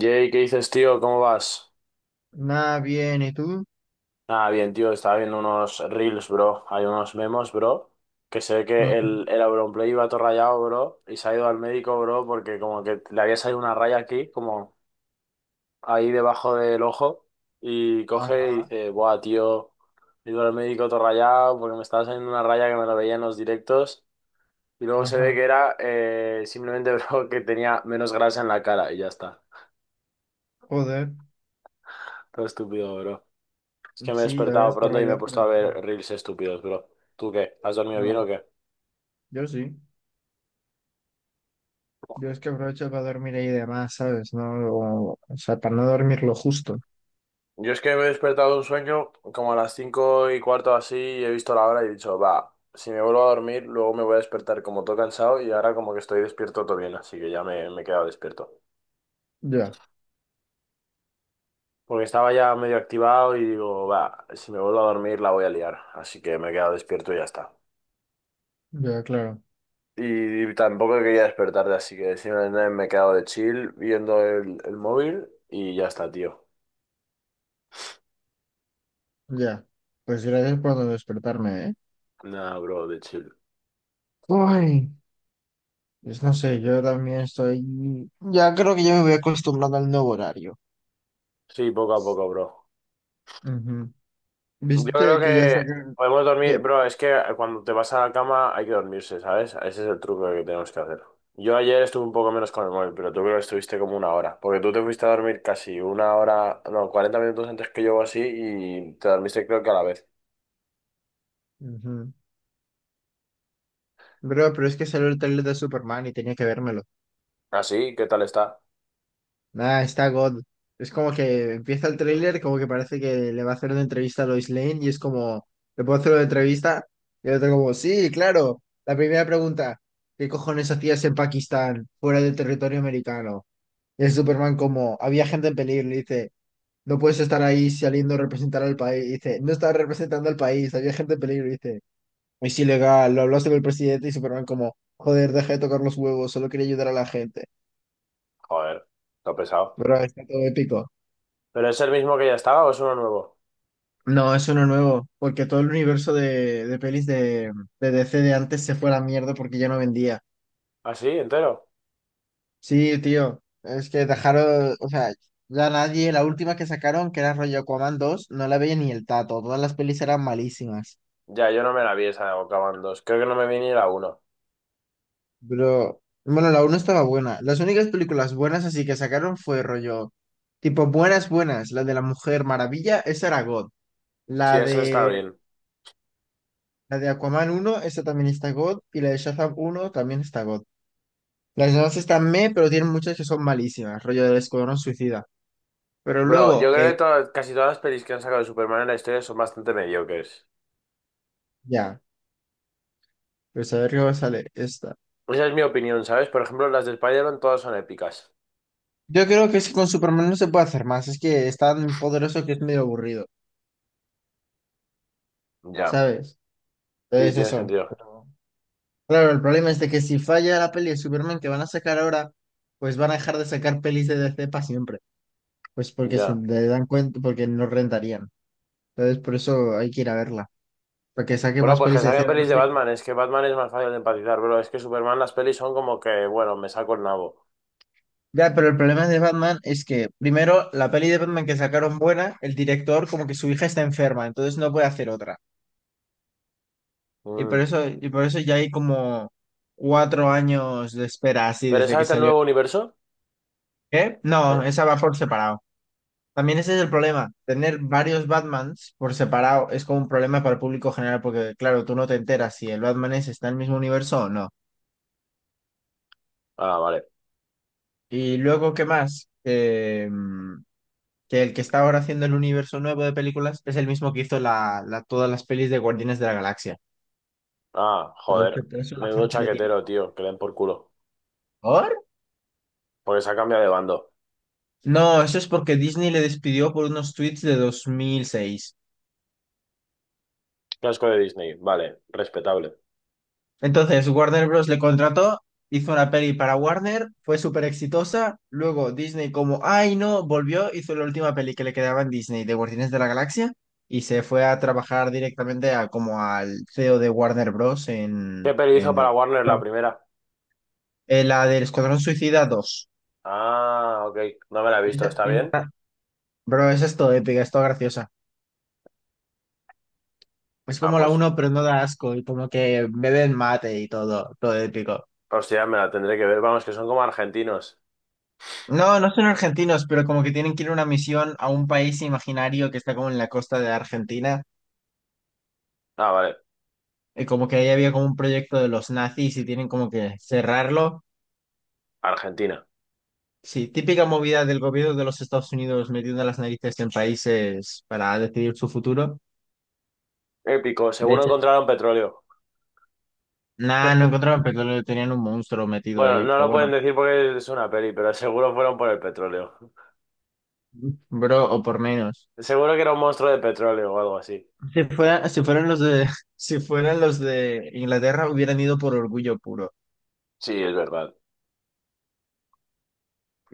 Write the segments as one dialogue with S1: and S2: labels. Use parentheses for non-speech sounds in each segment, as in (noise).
S1: Jay, ¿qué dices, tío? ¿Cómo vas?
S2: Nada bien, ¿y tú?
S1: Ah, bien, tío. Estaba viendo unos reels, bro. Hay unos memos, bro. Que se ve que
S2: Ujú.
S1: el Auronplay iba todo rayado, bro. Y se ha ido al médico, bro, porque como que le había salido una raya aquí, como ahí debajo del ojo. Y coge y
S2: Ajá,
S1: dice, buah, tío. He ido al médico todo rayado porque me estaba saliendo una raya que me la veía en los directos. Y luego se ve
S2: ajá.
S1: que era simplemente, (laughs) bro, que tenía menos grasa en la cara y ya está.
S2: Joder,
S1: Todo estúpido, bro. Es que me he
S2: sí, ya
S1: despertado
S2: ves,
S1: pronto
S2: corro
S1: y me he
S2: yo,
S1: puesto
S2: pero
S1: a ver
S2: no.
S1: reels estúpidos, bro. ¿Tú qué? ¿Has dormido bien o
S2: No,
S1: qué?
S2: yo sí. Yo es que aprovecho para dormir ahí de más, ¿sabes? No, o sea, para no dormir lo justo.
S1: Yo es que me he despertado de un sueño como a las cinco y cuarto así y he visto la hora y he dicho, va, si me vuelvo a dormir, luego me voy a despertar como todo cansado y ahora como que estoy despierto todo bien, así que ya me he quedado despierto.
S2: Ya,
S1: Porque estaba ya medio activado y digo, va, si me vuelvo a dormir la voy a liar, así que me he quedado despierto y ya está.
S2: ya, claro,
S1: Y tampoco quería despertarte, así que simplemente me he quedado de chill viendo el móvil y ya está, tío.
S2: ya. Pues gracias por despertarme, ¿eh?
S1: Nada, bro, de chill.
S2: Uy, pues no sé, yo también estoy... Ya creo que ya me voy acostumbrando al nuevo horario.
S1: Sí, poco a poco, bro.
S2: Ujú.
S1: Yo creo
S2: ¿Viste que ya
S1: que
S2: sacaron...?
S1: podemos dormir,
S2: ¿Qué?
S1: bro, es que cuando te vas a la cama hay que dormirse, ¿sabes? Ese es el truco que tenemos que hacer. Yo ayer estuve un poco menos con el móvil, pero tú creo que estuviste como una hora, porque tú te fuiste a dormir casi una hora, no, 40 minutos antes que yo o así y te dormiste creo que a la vez.
S2: Ujú. Bro, pero es que salió el trailer de Superman y tenía que vérmelo.
S1: ¿Así? ¿Qué tal está?
S2: Nah, está God. Es como que empieza el tráiler, como que parece que le va a hacer una entrevista a Lois Lane y es como, ¿le puedo hacer una entrevista? Y el otro como, sí, claro. La primera pregunta, ¿qué cojones hacías en Pakistán, fuera del territorio americano? Y el Superman como, había gente en peligro, le dice, no puedes estar ahí saliendo a representar al país. Y dice, no estaba representando al país, había gente en peligro. Y dice, es ilegal, lo hablaste con el presidente y Superman como, joder, deja de tocar los huevos, solo quería ayudar a la gente.
S1: Joder, está pesado.
S2: Pero está todo épico.
S1: ¿Pero es el mismo que ya estaba o es uno nuevo?
S2: No, es uno nuevo, porque todo el universo de, pelis de DC de antes se fue a la mierda porque ya no vendía.
S1: ¿Así? ¿Entero?
S2: Sí, tío, es que dejaron, o sea, ya nadie, la última que sacaron, que era rollo Aquaman dos, no la veía ni el tato, todas las pelis eran malísimas.
S1: Ya, yo no me la vi esa de Bocaban 2, creo que no me vi ni la uno.
S2: Pero, bueno, la uno estaba buena. Las únicas películas buenas así que sacaron fue rollo, tipo, buenas, buenas, la de la Mujer Maravilla, esa era God.
S1: Sí,
S2: La
S1: eso está
S2: de,
S1: bien.
S2: la de Aquaman uno esa también está God, y la de Shazam uno también está God. Las demás están meh, pero tienen muchas que son malísimas, rollo del Escuadrón Suicida. Pero
S1: Bro,
S2: luego,
S1: yo creo que casi todas las pelis que han sacado de Superman en la historia son bastante mediocres.
S2: ya, pues a ver qué sale esta.
S1: Esa es mi opinión, ¿sabes? Por ejemplo, las de Spider-Man todas son épicas.
S2: Yo creo que es que con Superman no se puede hacer más, es que es tan poderoso que es medio aburrido,
S1: Ya.
S2: ¿sabes?
S1: Sí,
S2: Entonces
S1: tiene
S2: eso.
S1: sentido.
S2: Claro, el problema es de que si falla la peli de Superman que van a sacar ahora, pues van a dejar de sacar pelis de DC para siempre. Pues porque se
S1: Ya.
S2: le dan cuenta, porque no rentarían. Entonces por eso hay que ir a verla, para que saque
S1: Bueno,
S2: más
S1: pues que
S2: pelis de DC,
S1: saquen pelis
S2: además
S1: de
S2: de.
S1: Batman. Es que Batman es más fácil de empatizar, bro. Es que Superman las pelis son como que, bueno, me saco el nabo.
S2: Ya, pero el problema de Batman es que, primero, la peli de Batman que sacaron buena, el director como que su hija está enferma, entonces no puede hacer otra. Y por
S1: Mm.
S2: eso, y por eso ya hay como 4 años de espera así
S1: ¿Pero
S2: desde
S1: esa
S2: que
S1: es del
S2: salió.
S1: nuevo universo?
S2: ¿Qué? No,
S1: Eh,
S2: esa va por separado. También ese es el problema. Tener varios Batmans por separado es como un problema para el público general, porque claro, tú no te enteras si el Batman es está en el mismo universo o no.
S1: Ah, vale.
S2: Y luego, ¿qué más? Que el que está ahora haciendo el universo nuevo de películas es el mismo que hizo la, todas las pelis de Guardianes de la Galaxia.
S1: Ah,
S2: Entonces, que
S1: joder.
S2: por eso la
S1: Menudo
S2: gente le tiene.
S1: chaquetero, tío. Que le den por culo.
S2: ¿Por?
S1: Porque se ha cambiado de bando.
S2: No, eso es porque Disney le despidió por unos tweets de 2006.
S1: Casco de Disney. Vale, respetable.
S2: Entonces, Warner Bros. Le contrató, hizo una peli para Warner, fue súper exitosa. Luego Disney como, ay no, volvió, hizo la última peli que le quedaba en Disney de Guardianes de la Galaxia y se fue a trabajar directamente a, como al CEO de Warner Bros. en...
S1: ¿Qué peli
S2: en...
S1: hizo para Warner la
S2: no,
S1: primera?
S2: La del Escuadrón Suicida dos.
S1: Ah, ok. No me la he visto.
S2: Esa-
S1: ¿Está
S2: esa
S1: bien?
S2: está- Bro, esa es todo épica, es todo graciosa. Es
S1: Ah,
S2: como la
S1: pues,
S2: uno pero no da asco y como que beben mate y todo, todo épico.
S1: hostia, me la tendré que ver. Vamos, que son como argentinos.
S2: No, no son argentinos, pero como que tienen que ir a una misión a un país imaginario que está como en la costa de Argentina.
S1: Ah, vale.
S2: Y como que ahí había como un proyecto de los nazis y tienen como que cerrarlo.
S1: Argentina.
S2: Sí, típica movida del gobierno de los Estados Unidos metiendo las narices en países para decidir su futuro.
S1: Épico.
S2: De
S1: Seguro
S2: hecho,
S1: encontraron petróleo.
S2: nada, no
S1: (laughs)
S2: encontraron, pero tenían un monstruo metido
S1: Bueno,
S2: ahí,
S1: no
S2: pero
S1: lo
S2: bueno.
S1: pueden decir porque es una peli, pero seguro fueron por el petróleo.
S2: Bro, o por menos.
S1: Seguro que era un monstruo de petróleo o algo así.
S2: Si fueran los de, (laughs) si fueran los de Inglaterra, hubieran ido por orgullo puro.
S1: Sí, es verdad.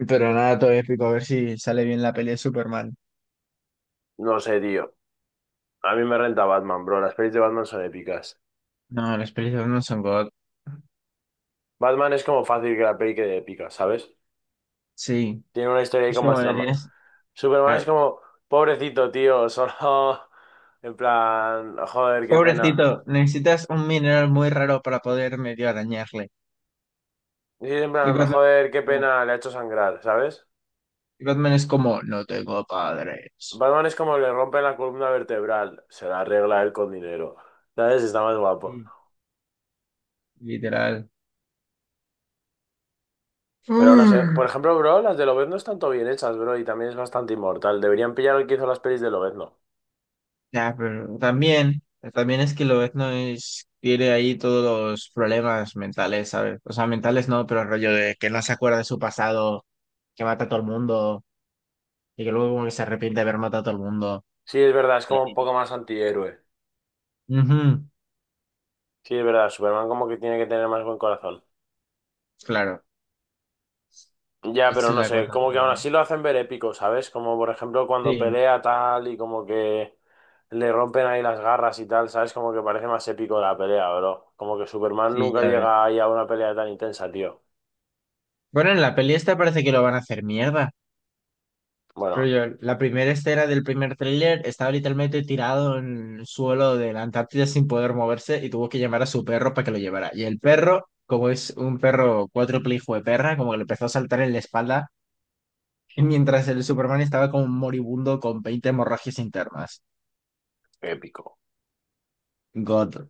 S2: Pero nada, todo épico, a ver si sale bien la peli de Superman.
S1: No sé, tío. A mí me renta Batman, bro. Las pelis de Batman son épicas.
S2: No, las pelis de Batman son God.
S1: Batman es como fácil que la peli quede épica, ¿sabes?
S2: Sí.
S1: Tiene una historia ahí
S2: Es
S1: con
S2: como
S1: más
S2: que
S1: trama.
S2: tienes.
S1: Superman es
S2: Claro.
S1: como, pobrecito, tío, solo. (laughs) En plan, joder, qué pena.
S2: Pobrecito, necesitas un mineral muy raro para poder medio arañarle.
S1: Sí, en
S2: Y
S1: plan,
S2: Batman,
S1: joder, qué
S2: no.
S1: pena, le ha hecho sangrar, ¿sabes?
S2: Y Batman es como, no tengo padres.
S1: Batman es como le rompe la columna vertebral, se la arregla él con dinero, ¿sabes? Está más guapo.
S2: Sí, literal.
S1: Pero no sé, por ejemplo, bro, las de Lobezno están todo bien hechas, bro, y también es bastante inmortal. Deberían pillar al que hizo las pelis de Lobezno.
S2: Ya, pero también es que lo etno es tiene ahí todos los problemas mentales, ¿sabes? O sea, mentales no, pero el rollo de que no se acuerda de su pasado, que mata a todo el mundo, y que luego como que se arrepiente de haber matado a todo el mundo.
S1: Sí, es verdad, es
S2: La
S1: como un poco
S2: típica.
S1: más antihéroe.
S2: Ujú.
S1: Sí, es verdad, Superman como que tiene que tener más buen corazón.
S2: Claro,
S1: Ya,
S2: esa
S1: pero
S2: es
S1: no
S2: la
S1: sé,
S2: cosa,
S1: como que
S2: creo.
S1: aún así lo hacen ver épico, ¿sabes? Como por ejemplo cuando
S2: Sí,
S1: pelea tal y como que le rompen ahí las garras y tal, ¿sabes? Como que parece más épico la pelea, bro. Como que Superman
S2: sí,
S1: nunca
S2: ya ves.
S1: llega ahí a una pelea tan intensa, tío.
S2: Bueno, en la peli esta parece que lo van a hacer mierda.
S1: Bueno,
S2: Rollo, la primera escena del primer tráiler estaba literalmente tirado en el suelo de la Antártida sin poder moverse y tuvo que llamar a su perro para que lo llevara. Y el perro, como es un perro cuádruple hijo de perra, como que le empezó a saltar en la espalda (laughs) y mientras el Superman estaba como moribundo con 20 hemorragias internas.
S1: épico.
S2: God.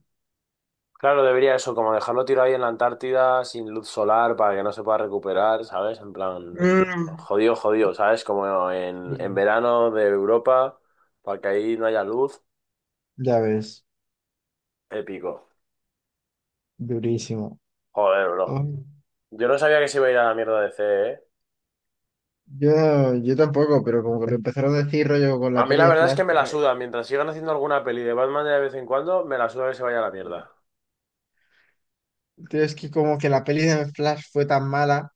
S1: Claro, debería eso, como dejarlo tirado ahí en la Antártida sin luz solar para que no se pueda recuperar, ¿sabes? En plan,
S2: Mm.
S1: jodido, jodido, ¿sabes? Como en
S2: Sí,
S1: verano de Europa, para que ahí no haya luz,
S2: ya ves,
S1: épico.
S2: durísimo.
S1: Joder, bro.
S2: Ay,
S1: Yo no sabía que se iba a ir a la mierda de C, ¿eh?
S2: yo tampoco, pero como que lo empezaron a decir rollo con
S1: A
S2: la
S1: mí
S2: peli
S1: la
S2: de
S1: verdad es
S2: Flash.
S1: que
S2: Que
S1: me la suda. Mientras sigan haciendo alguna peli de Batman de vez en cuando, me la suda que se vaya a la
S2: ya.
S1: mierda.
S2: Tío, es que como que la peli de Flash fue tan mala.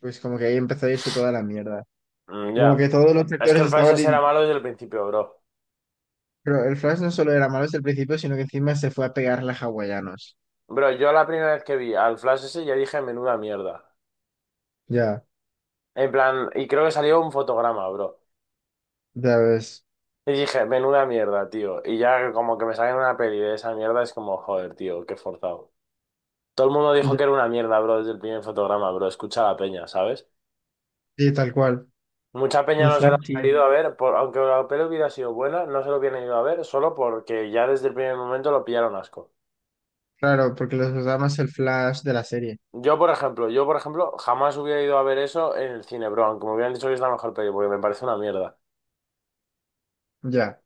S2: Pues como que ahí empezó a irse toda la mierda.
S1: Mm,
S2: Y
S1: ya.
S2: como que todos los
S1: Es que
S2: sectores
S1: el Flash
S2: estaban...
S1: ese era malo desde el principio, bro.
S2: Pero el Flash no solo era malo desde el principio, sino que encima se fue a pegarle a hawaianos.
S1: Bro, yo la primera vez que vi al Flash ese ya dije, menuda mierda.
S2: Ya,
S1: En plan, y creo que salió un fotograma, bro.
S2: ya ves.
S1: Y dije, menuda mierda, tío. Y ya como que me salen una peli de esa mierda, es como, joder, tío, qué forzado. Todo el mundo dijo
S2: Ya,
S1: que era una mierda, bro, desde el primer fotograma, bro. Escucha a la peña, ¿sabes?
S2: sí, tal cual.
S1: Mucha peña
S2: Un
S1: no se lo
S2: Flash
S1: ha ido
S2: chino.
S1: a ver, aunque la peli hubiera sido buena, no se lo hubieran ido a ver solo porque ya desde el primer momento lo pillaron asco.
S2: Claro, porque los usamos el Flash de la serie.
S1: Yo, por ejemplo, jamás hubiera ido a ver eso en el cine, bro, aunque me hubieran dicho que es la mejor peli, porque me parece una mierda.
S2: Ya.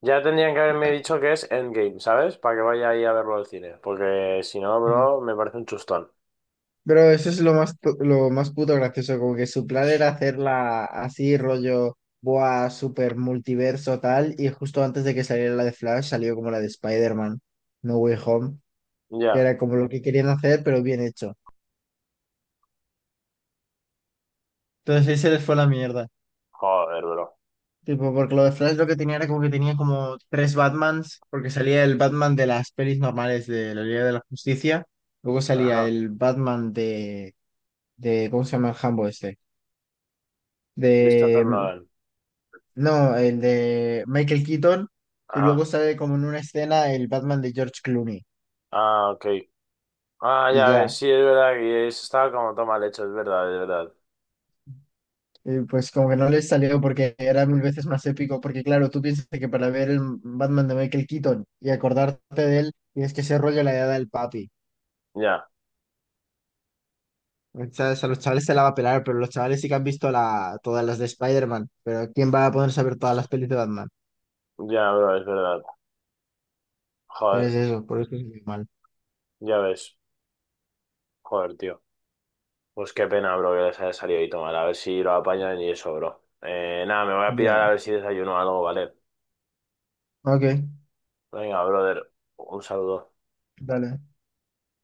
S1: Ya tendrían que haberme dicho que es Endgame, ¿sabes? Para que vaya ahí a verlo al cine, porque si no,
S2: Sí.
S1: bro, me parece un chustón.
S2: Pero eso es lo más, lo más puto gracioso, como que su plan era hacerla así, rollo, boa, super multiverso, tal, y justo antes de que saliera la de Flash, salió como la de Spider-Man, No Way Home, que
S1: Ya,
S2: era como lo que querían hacer, pero bien hecho. Entonces ahí se les fue la mierda.
S1: joder, bro.
S2: Tipo, porque lo de Flash lo que tenía era como que tenía como tres Batmans, porque salía el Batman de las pelis normales de la Liga de la Justicia, luego salía
S1: Ajá,
S2: el Batman de ¿cómo se llama el Hambo este?
S1: Christopher
S2: De,
S1: Nolan.
S2: no, el de Michael Keaton, y luego
S1: Ajá,
S2: sale como en una escena el Batman de George Clooney,
S1: ah, ok. Ah,
S2: y
S1: ya ves,
S2: ya.
S1: sí, es verdad que estaba como toma leche, es verdad, es verdad.
S2: Y pues como que no les salió porque era mil veces más épico, porque claro, tú piensas que para ver el Batman de Michael Keaton y acordarte de él, tienes que ser rollo la edad del papi.
S1: Ya.
S2: O sea, a los chavales se la va a pelar, pero los chavales sí que han visto todas las de Spider-Man, pero ¿quién va a ponerse a ver todas las pelis de Batman?
S1: Ya, bro, es verdad.
S2: Entonces
S1: Joder,
S2: eso, por eso es muy mal.
S1: ya ves. Joder, tío. Pues qué pena, bro, que les haya salido y tomar. A ver si lo apañan y eso, bro. Nada, me voy a pirar a
S2: Ya,
S1: ver si desayuno algo, ¿vale?
S2: ok,
S1: Venga, brother. Un saludo.
S2: dale.